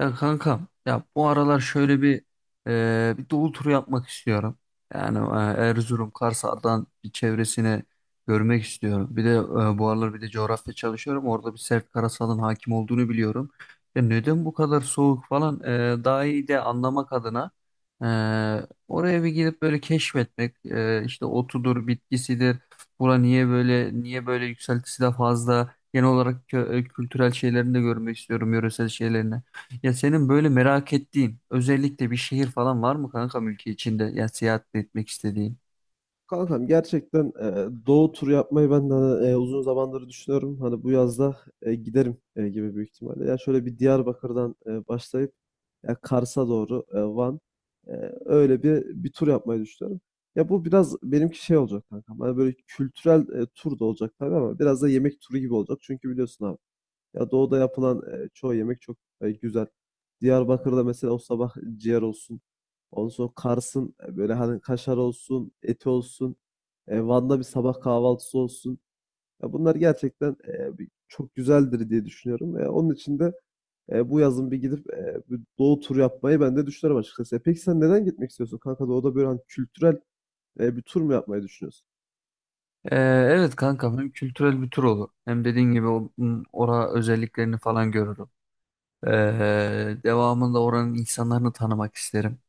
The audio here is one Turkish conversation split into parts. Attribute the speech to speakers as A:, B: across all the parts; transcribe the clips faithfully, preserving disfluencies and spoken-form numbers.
A: Ya kankam ya bu aralar şöyle bir e, bir doğu turu yapmak istiyorum. Yani e, Erzurum, Kars, Ardahan bir çevresini görmek istiyorum. Bir de e, bu aralar bir de coğrafya çalışıyorum. Orada bir sert karasalın hakim olduğunu biliyorum. Ya neden bu kadar soğuk falan e, daha iyi de anlamak adına, e, oraya bir gidip böyle keşfetmek, e, işte otudur, bitkisidir. Bura niye böyle, niye böyle yükseltisi de fazla. Genel olarak kö- kültürel şeylerini de görmek istiyorum, yöresel şeylerini. Ya senin böyle merak ettiğin özellikle bir şehir falan var mı kankam, ülke içinde ya, seyahat etmek istediğin?
B: Kankam gerçekten e, doğu turu yapmayı ben de hani, e, uzun zamandır düşünüyorum. Hani bu yazda e, giderim e, gibi büyük ihtimalle. Ya şöyle bir Diyarbakır'dan e, başlayıp ya Kars'a doğru e, Van e, öyle bir bir tur yapmayı düşünüyorum. Ya bu biraz benimki şey olacak kankam. Hani böyle kültürel e, tur da olacak tabii ama biraz da yemek turu gibi olacak. Çünkü biliyorsun abi ya doğuda yapılan e, çoğu yemek çok e, güzel. Diyarbakır'da mesela o sabah ciğer olsun. Ondan sonra Kars'ın e, böyle hani kaşar olsun, eti olsun. E, Van'da bir sabah kahvaltısı olsun. Ya bunlar gerçekten e, bir- çok güzeldir diye düşünüyorum. E, onun için de e, bu yazın bir gidip e, bir doğu turu yapmayı ben de düşünüyorum açıkçası. E, peki sen neden gitmek istiyorsun kanka? Doğuda böyle hani kültürel e, bir tur mu yapmayı düşünüyorsun?
A: Ee, evet kankam, hem kültürel bir tur olur hem dediğin gibi o- m, ora özelliklerini falan görürüm. Ee, devamında oranın insanlarını tanımak isterim.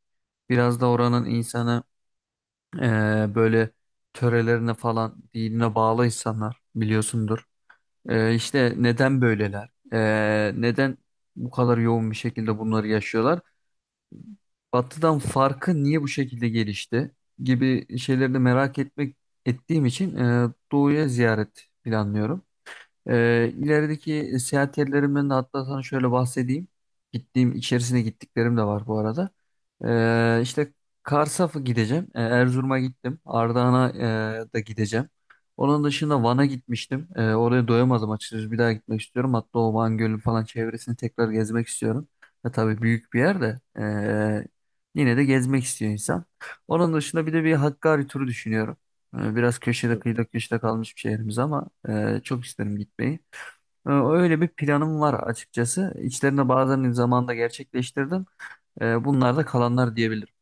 A: Biraz da oranın insanı ee, böyle törelerine falan, dinine bağlı insanlar, biliyorsundur. Ee, işte neden böyleler? Ee, neden bu kadar yoğun bir şekilde bunları yaşıyorlar? Batı'dan farkı niye bu şekilde gelişti gibi şeyleri de merak etmek ettiğim için e, Doğu'ya ziyaret planlıyorum. Ee, ilerideki seyahat yerlerimden de hatta sana şöyle bahsedeyim. Gittiğim, içerisine gittiklerim de var bu arada. Ee, işte Kars'a gideceğim. Ee, Erzurum'a gittim. Ardahan'a e, da gideceğim. Onun dışında Van'a gitmiştim. Ee, oraya doyamadım açıkçası. Bir daha gitmek istiyorum. Hatta o Van Gölü falan çevresini tekrar gezmek istiyorum. Ya tabii büyük bir yer de ee, yine de gezmek istiyor insan. Onun dışında bir de bir Hakkari turu düşünüyorum. E, Biraz köşede kıyıda köşede kalmış bir şehrimiz ama e, çok isterim gitmeyi. E, Öyle bir planım var açıkçası. İçlerinde bazılarını zamanında gerçekleştirdim. E, Bunlar da kalanlar diyebilirim.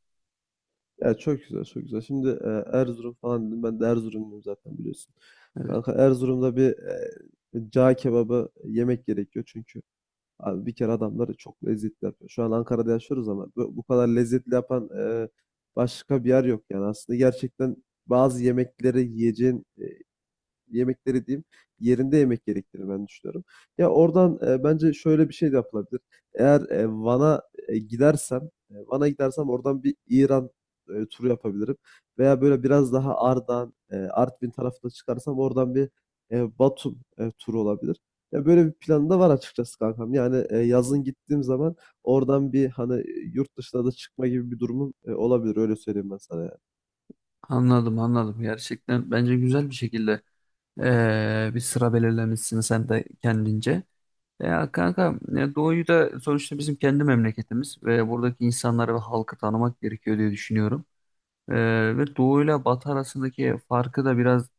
B: Ya çok güzel, çok güzel. Şimdi e, Erzurum falan dedim. Ben de Erzurumluyum zaten biliyorsun.
A: Evet,
B: Kanka Erzurum'da bir e, cağ kebabı yemek gerekiyor çünkü abi bir kere adamları çok lezzetli yapıyor. Şu an Ankara'da yaşıyoruz ama bu, bu kadar lezzetli yapan e, başka bir yer yok yani. Aslında gerçekten bazı yemekleri yiyeceğin e, yemekleri diyeyim yerinde yemek gerektiğini ben düşünüyorum. Ya oradan e, bence şöyle bir şey de yapılabilir. Eğer e, Van'a e, gidersem, e, Van'a gidersem oradan bir İran e, turu yapabilirim. Veya böyle biraz daha Ardahan, e, Artvin tarafına çıkarsam oradan bir e, Batum e, turu olabilir. Ya böyle bir planı da var açıkçası kankam. Yani e, yazın gittiğim zaman oradan bir hani yurt dışına da çıkma gibi bir durumum e, olabilir. Öyle söyleyeyim ben sana yani.
A: anladım, anladım. Gerçekten bence güzel bir şekilde e, bir sıra belirlemişsin sen de kendince. E, Ya kanka, e, Doğu'yu da sonuçta bizim kendi memleketimiz ve buradaki insanları ve halkı tanımak gerekiyor diye düşünüyorum. E, ve Doğu ile Batı arasındaki farkı da biraz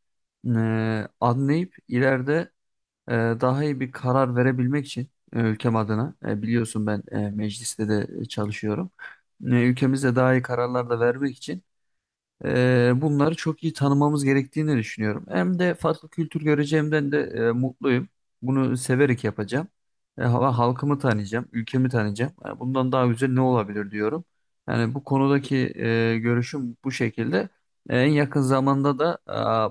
A: e, anlayıp ileride e, daha iyi bir karar verebilmek için, e, ülkem adına, e, biliyorsun ben e, mecliste de e, çalışıyorum. E, Ülkemizde daha iyi kararlar da vermek için ee, bunları çok iyi tanımamız gerektiğini düşünüyorum. Hem de farklı kültür göreceğimden de e, mutluyum. Bunu severek yapacağım. E, ha- halkımı tanıyacağım, ülkemi tanıyacağım. E, bundan daha güzel ne olabilir diyorum. Yani bu konudaki e, görüşüm bu şekilde. E, en yakın zamanda da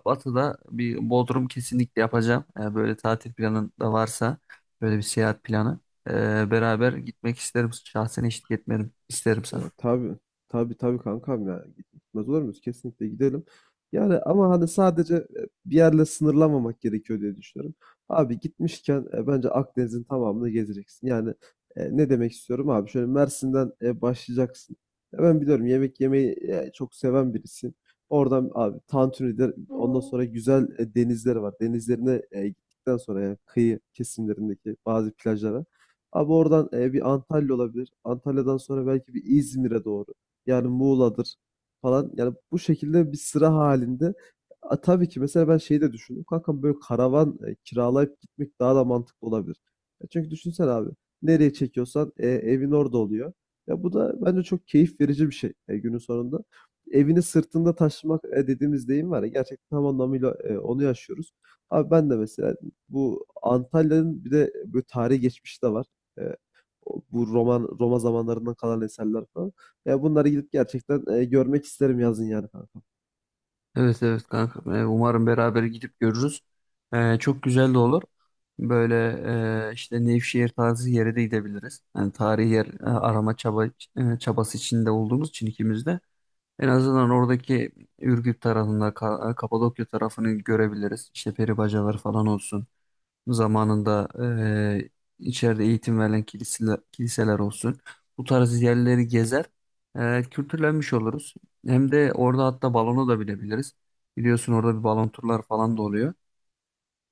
A: e, Batı'da bir Bodrum kesinlikle yapacağım. E, böyle tatil planın da varsa, böyle bir seyahat planı. e, beraber gitmek isterim. Şahsen eşlik etmerim isterim sana.
B: Ya tabii, tabii tabii kankam, ya gitmez olur muyuz? Kesinlikle gidelim. Yani ama hani sadece e, bir yerle sınırlamamak gerekiyor diye düşünüyorum. Abi gitmişken e, bence Akdeniz'in tamamını gezeceksin. Yani e, ne demek istiyorum abi? Şöyle Mersin'den e, başlayacaksın. Ya ben biliyorum yemek yemeyi e, çok seven birisiyim. Oradan abi Tantuni'de ondan sonra güzel e, denizleri var. Denizlerine e, gittikten sonra yani kıyı kesimlerindeki bazı plajlara. Abi oradan e, bir Antalya olabilir. Antalya'dan sonra belki bir İzmir'e doğru. Yani Muğla'dır falan. Yani bu şekilde bir sıra halinde. A, tabii ki mesela ben şeyi de düşündüm. Kankam böyle karavan e, kiralayıp gitmek daha da mantıklı olabilir. Ya çünkü düşünsene abi. Nereye çekiyorsan e, evin orada oluyor. Ya bu da bence çok keyif verici bir şey e, günün sonunda. Evini sırtında taşımak e, dediğimiz deyim var ya. Gerçekten tam anlamıyla e, onu yaşıyoruz. Abi ben de mesela bu Antalya'nın bir de böyle tarihi geçmişi de var. E, bu roman Roma zamanlarından kalan eserler falan. Ya bunları gidip gerçekten e, görmek isterim yazın yani kanka.
A: Evet evet kanka. Ee, Umarım beraber gidip görürüz. Ee, çok güzel de olur. Böyle, e, işte Nevşehir tarzı yere de gidebiliriz. Yani tarihi yer e, arama çaba, e, çabası içinde olduğumuz için ikimiz de. En azından oradaki Ürgüp tarafında, Ka- Kapadokya tarafını görebiliriz. İşte peribacalar falan olsun, zamanında eee, içeride eğitim verilen kiliseler, kiliseler olsun. Bu tarz yerleri gezer, eee, kültürlenmiş oluruz. Hem de orada hatta balonu da bilebiliriz. Biliyorsun orada bir balon turlar falan da oluyor.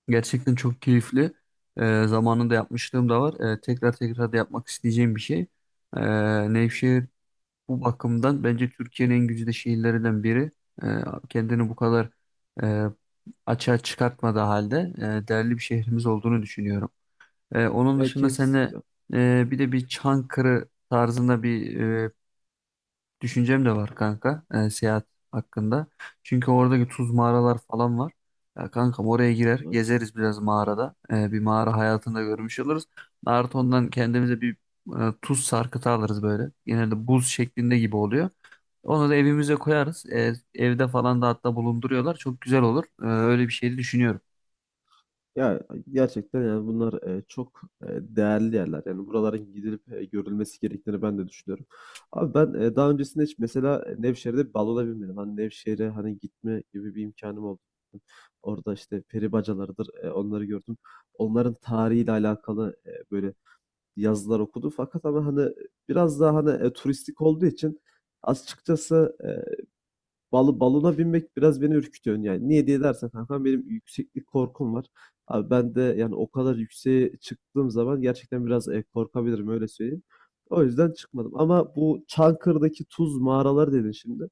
A: Gerçekten çok keyifli. Eee zamanında yapmışlığım da var. Eee, tekrar tekrar da yapmak isteyeceğim bir şey. Eee Nevşehir bu bakımdan bence Türkiye'nin en güzide şehirlerinden biri. Eee, Kendini bu kadar eee açığa çıkartmadığı halde e, değerli bir şehrimiz olduğunu düşünüyorum. Ee, onun
B: Ya
A: dışında seninle
B: kesinlikle.
A: e, bir de bir Çankırı tarzında bir e, düşüncem de var kanka, e, seyahat hakkında. Çünkü oradaki tuz mağaralar falan var. Ya kankam, oraya girer
B: Var.
A: gezeriz biraz mağarada. E, bir mağara hayatında görmüş oluruz. Artı ondan kendimize bir e, tuz sarkıtı alırız böyle. Genelde buz şeklinde gibi oluyor. Onu da evimize koyarız. E, evde falan da hatta bulunduruyorlar. Çok güzel olur. E, öyle bir şey de düşünüyorum.
B: Ya gerçekten yani bunlar e, çok e, değerli yerler. Yani buraların gidilip e, görülmesi gerektiğini ben de düşünüyorum. Abi ben e, daha öncesinde hiç mesela e, Nevşehir'de bir balona binmedim. Hani Nevşehir'e hani gitme gibi bir imkanım oldu. Orada işte peri bacalarıdır, e, onları gördüm. Onların tarihiyle alakalı e, böyle yazılar okudu. Fakat ama, hani, biraz daha, hani, eee, turistik olduğu için açıkçası, eee, balı balona binmek biraz beni ürkütüyor. Yani niye diye dersen kankam benim yükseklik korkum var. Abi ben de, yani, o kadar yükseğe çıktığım zaman gerçekten biraz, eee, korkabilirim, öyle söyleyeyim. O yüzden çıkmadım ama bu Çankırı'daki tuz mağaraları dedin şimdi.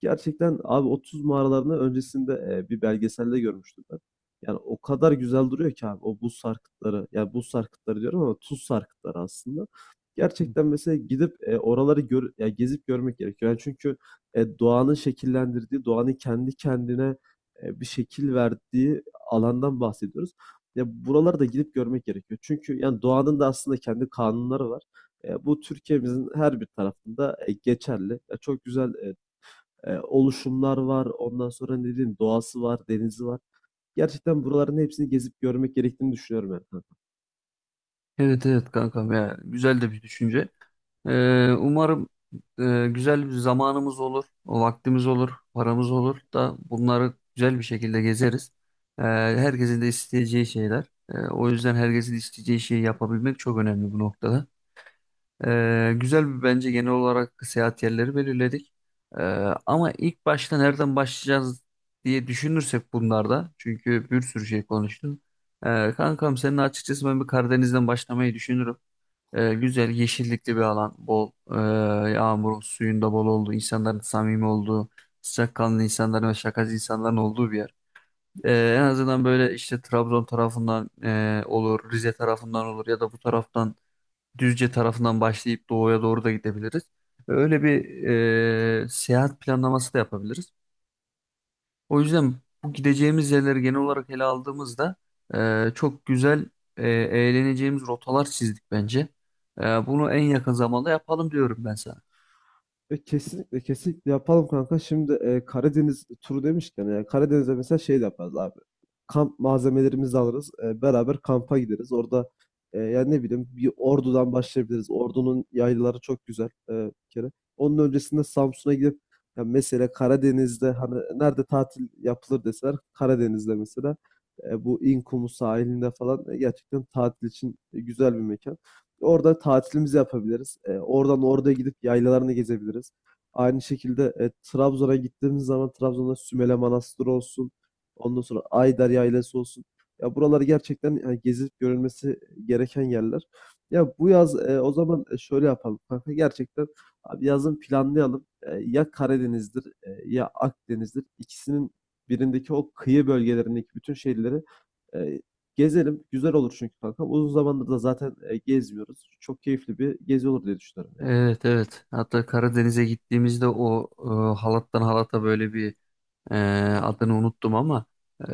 B: Gerçekten abi otuz mağaralarını öncesinde, eee, bir belgeselde görmüştüm ben. Yani o kadar güzel duruyor ki abi o buz sarkıtları. Yani buz sarkıtları diyorum ama tuz sarkıtları aslında. Gerçekten mesela gidip, eee, oraları gör ya gezip görmek gerekiyor. Yani çünkü, eee, doğanın şekillendirdiği, doğanın kendi kendine, eee, bir şekil verdiği alandan bahsediyoruz. Ya buraları da gidip görmek gerekiyor. Çünkü yani doğanın da aslında kendi kanunları var. Eee, bu Türkiye'mizin her bir tarafında, eee, geçerli. Ya çok güzel, eee, e, oluşumlar var. Ondan sonra ne diyeyim doğası var, denizi var. Gerçekten buraların hepsini gezip görmek gerektiğini düşünüyorum Erkan.
A: Evet evet kankam, ya güzel de bir düşünce. Ee, umarım e, güzel bir zamanımız olur, o vaktimiz olur, paramız olur da bunları güzel bir şekilde gezeriz. Ee, herkesin de isteyeceği şeyler. Ee, o yüzden herkesin isteyeceği şeyi yapabilmek çok önemli bu noktada. Ee, güzel bir, bence genel olarak seyahat yerleri belirledik. Ee, Ama ilk başta nereden başlayacağız diye düşünürsek bunlarda, çünkü bir sürü şey konuştum. Ee, kankam seninle açıkçası ben bir Karadeniz'den başlamayı düşünürüm. Ee, güzel yeşillikli bir alan, bol e, yağmurun suyunda bol olduğu, insanların samimi olduğu, sıcakkanlı insanların ve şakacı insanların olduğu bir yer. Ee, en azından böyle işte Trabzon tarafından e, olur, Rize tarafından olur, ya da bu taraftan Düzce tarafından başlayıp doğuya doğru da gidebiliriz. Öyle bir e, seyahat planlaması da yapabiliriz. O yüzden bu gideceğimiz yerleri genel olarak ele aldığımızda e, çok güzel, e, eğleneceğimiz rotalar çizdik bence. E, bunu en yakın zamanda yapalım diyorum ben sana.
B: E, kesinlikle kesinlikle yapalım kanka. Şimdi e, Karadeniz turu demişken yani Karadeniz'de mesela şey de yaparız abi. Kamp malzemelerimizi alırız. E, beraber kampa gideriz. Orada e, yani ne bileyim bir Ordu'dan başlayabiliriz. Ordu'nun yaylaları çok güzel e, bir kere. Onun öncesinde Samsun'a gidip ya mesela Karadeniz'de hani nerede tatil yapılır deseler Karadeniz'de mesela e, bu İnkumu sahilinde falan e, gerçekten tatil için güzel bir mekan. Orada tatilimizi yapabiliriz. Eee, oradan oraya gidip yaylalarını gezebiliriz. Aynı şekilde e, Trabzon'a gittiğimiz zaman Trabzon'da Sümele Manastırı olsun, ondan sonra Aydar Yaylası olsun. Ya buraları gerçekten e, gezip görülmesi gereken yerler. Ya bu yaz e, o zaman e, şöyle yapalım kanka. Gerçekten abi yazın planlayalım. E, ya Karadeniz'dir e, ya Akdeniz'dir. İkisinin birindeki o kıyı bölgelerindeki bütün şehirleri e, gezelim. Güzel olur çünkü kankam. Uzun zamandır da zaten e, gezmiyoruz. Çok keyifli bir gezi olur diye düşünüyorum yani.
A: Evet evet. Hatta Karadeniz'e gittiğimizde o e, halattan halata böyle bir, Ee, adını unuttum ama e,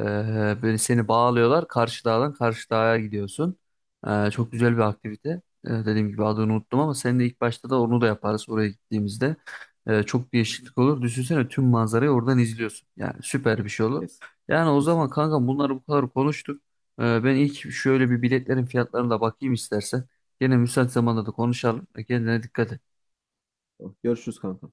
A: böyle seni bağlıyorlar. Karşı dağdan karşı dağa gidiyorsun. Ee,
B: Hı
A: çok
B: hı.
A: güzel bir aktivite. Ee, dediğim gibi adını unuttum ama seninle ilk başta da onu da yaparız oraya gittiğimizde. Ee, çok değişiklik olur. Düşünsene tüm manzarayı oradan izliyorsun. Yani süper bir şey olur.
B: Kes.
A: Yani o zaman
B: Kesinlikle.
A: kanka, bunları bu kadar konuştuk. Ee, ben ilk şöyle bir biletlerin fiyatlarına da bakayım istersen. Gene müsait zamanda da konuşalım. E, Kendine dikkat et.
B: Tamam. Görüşürüz kanka.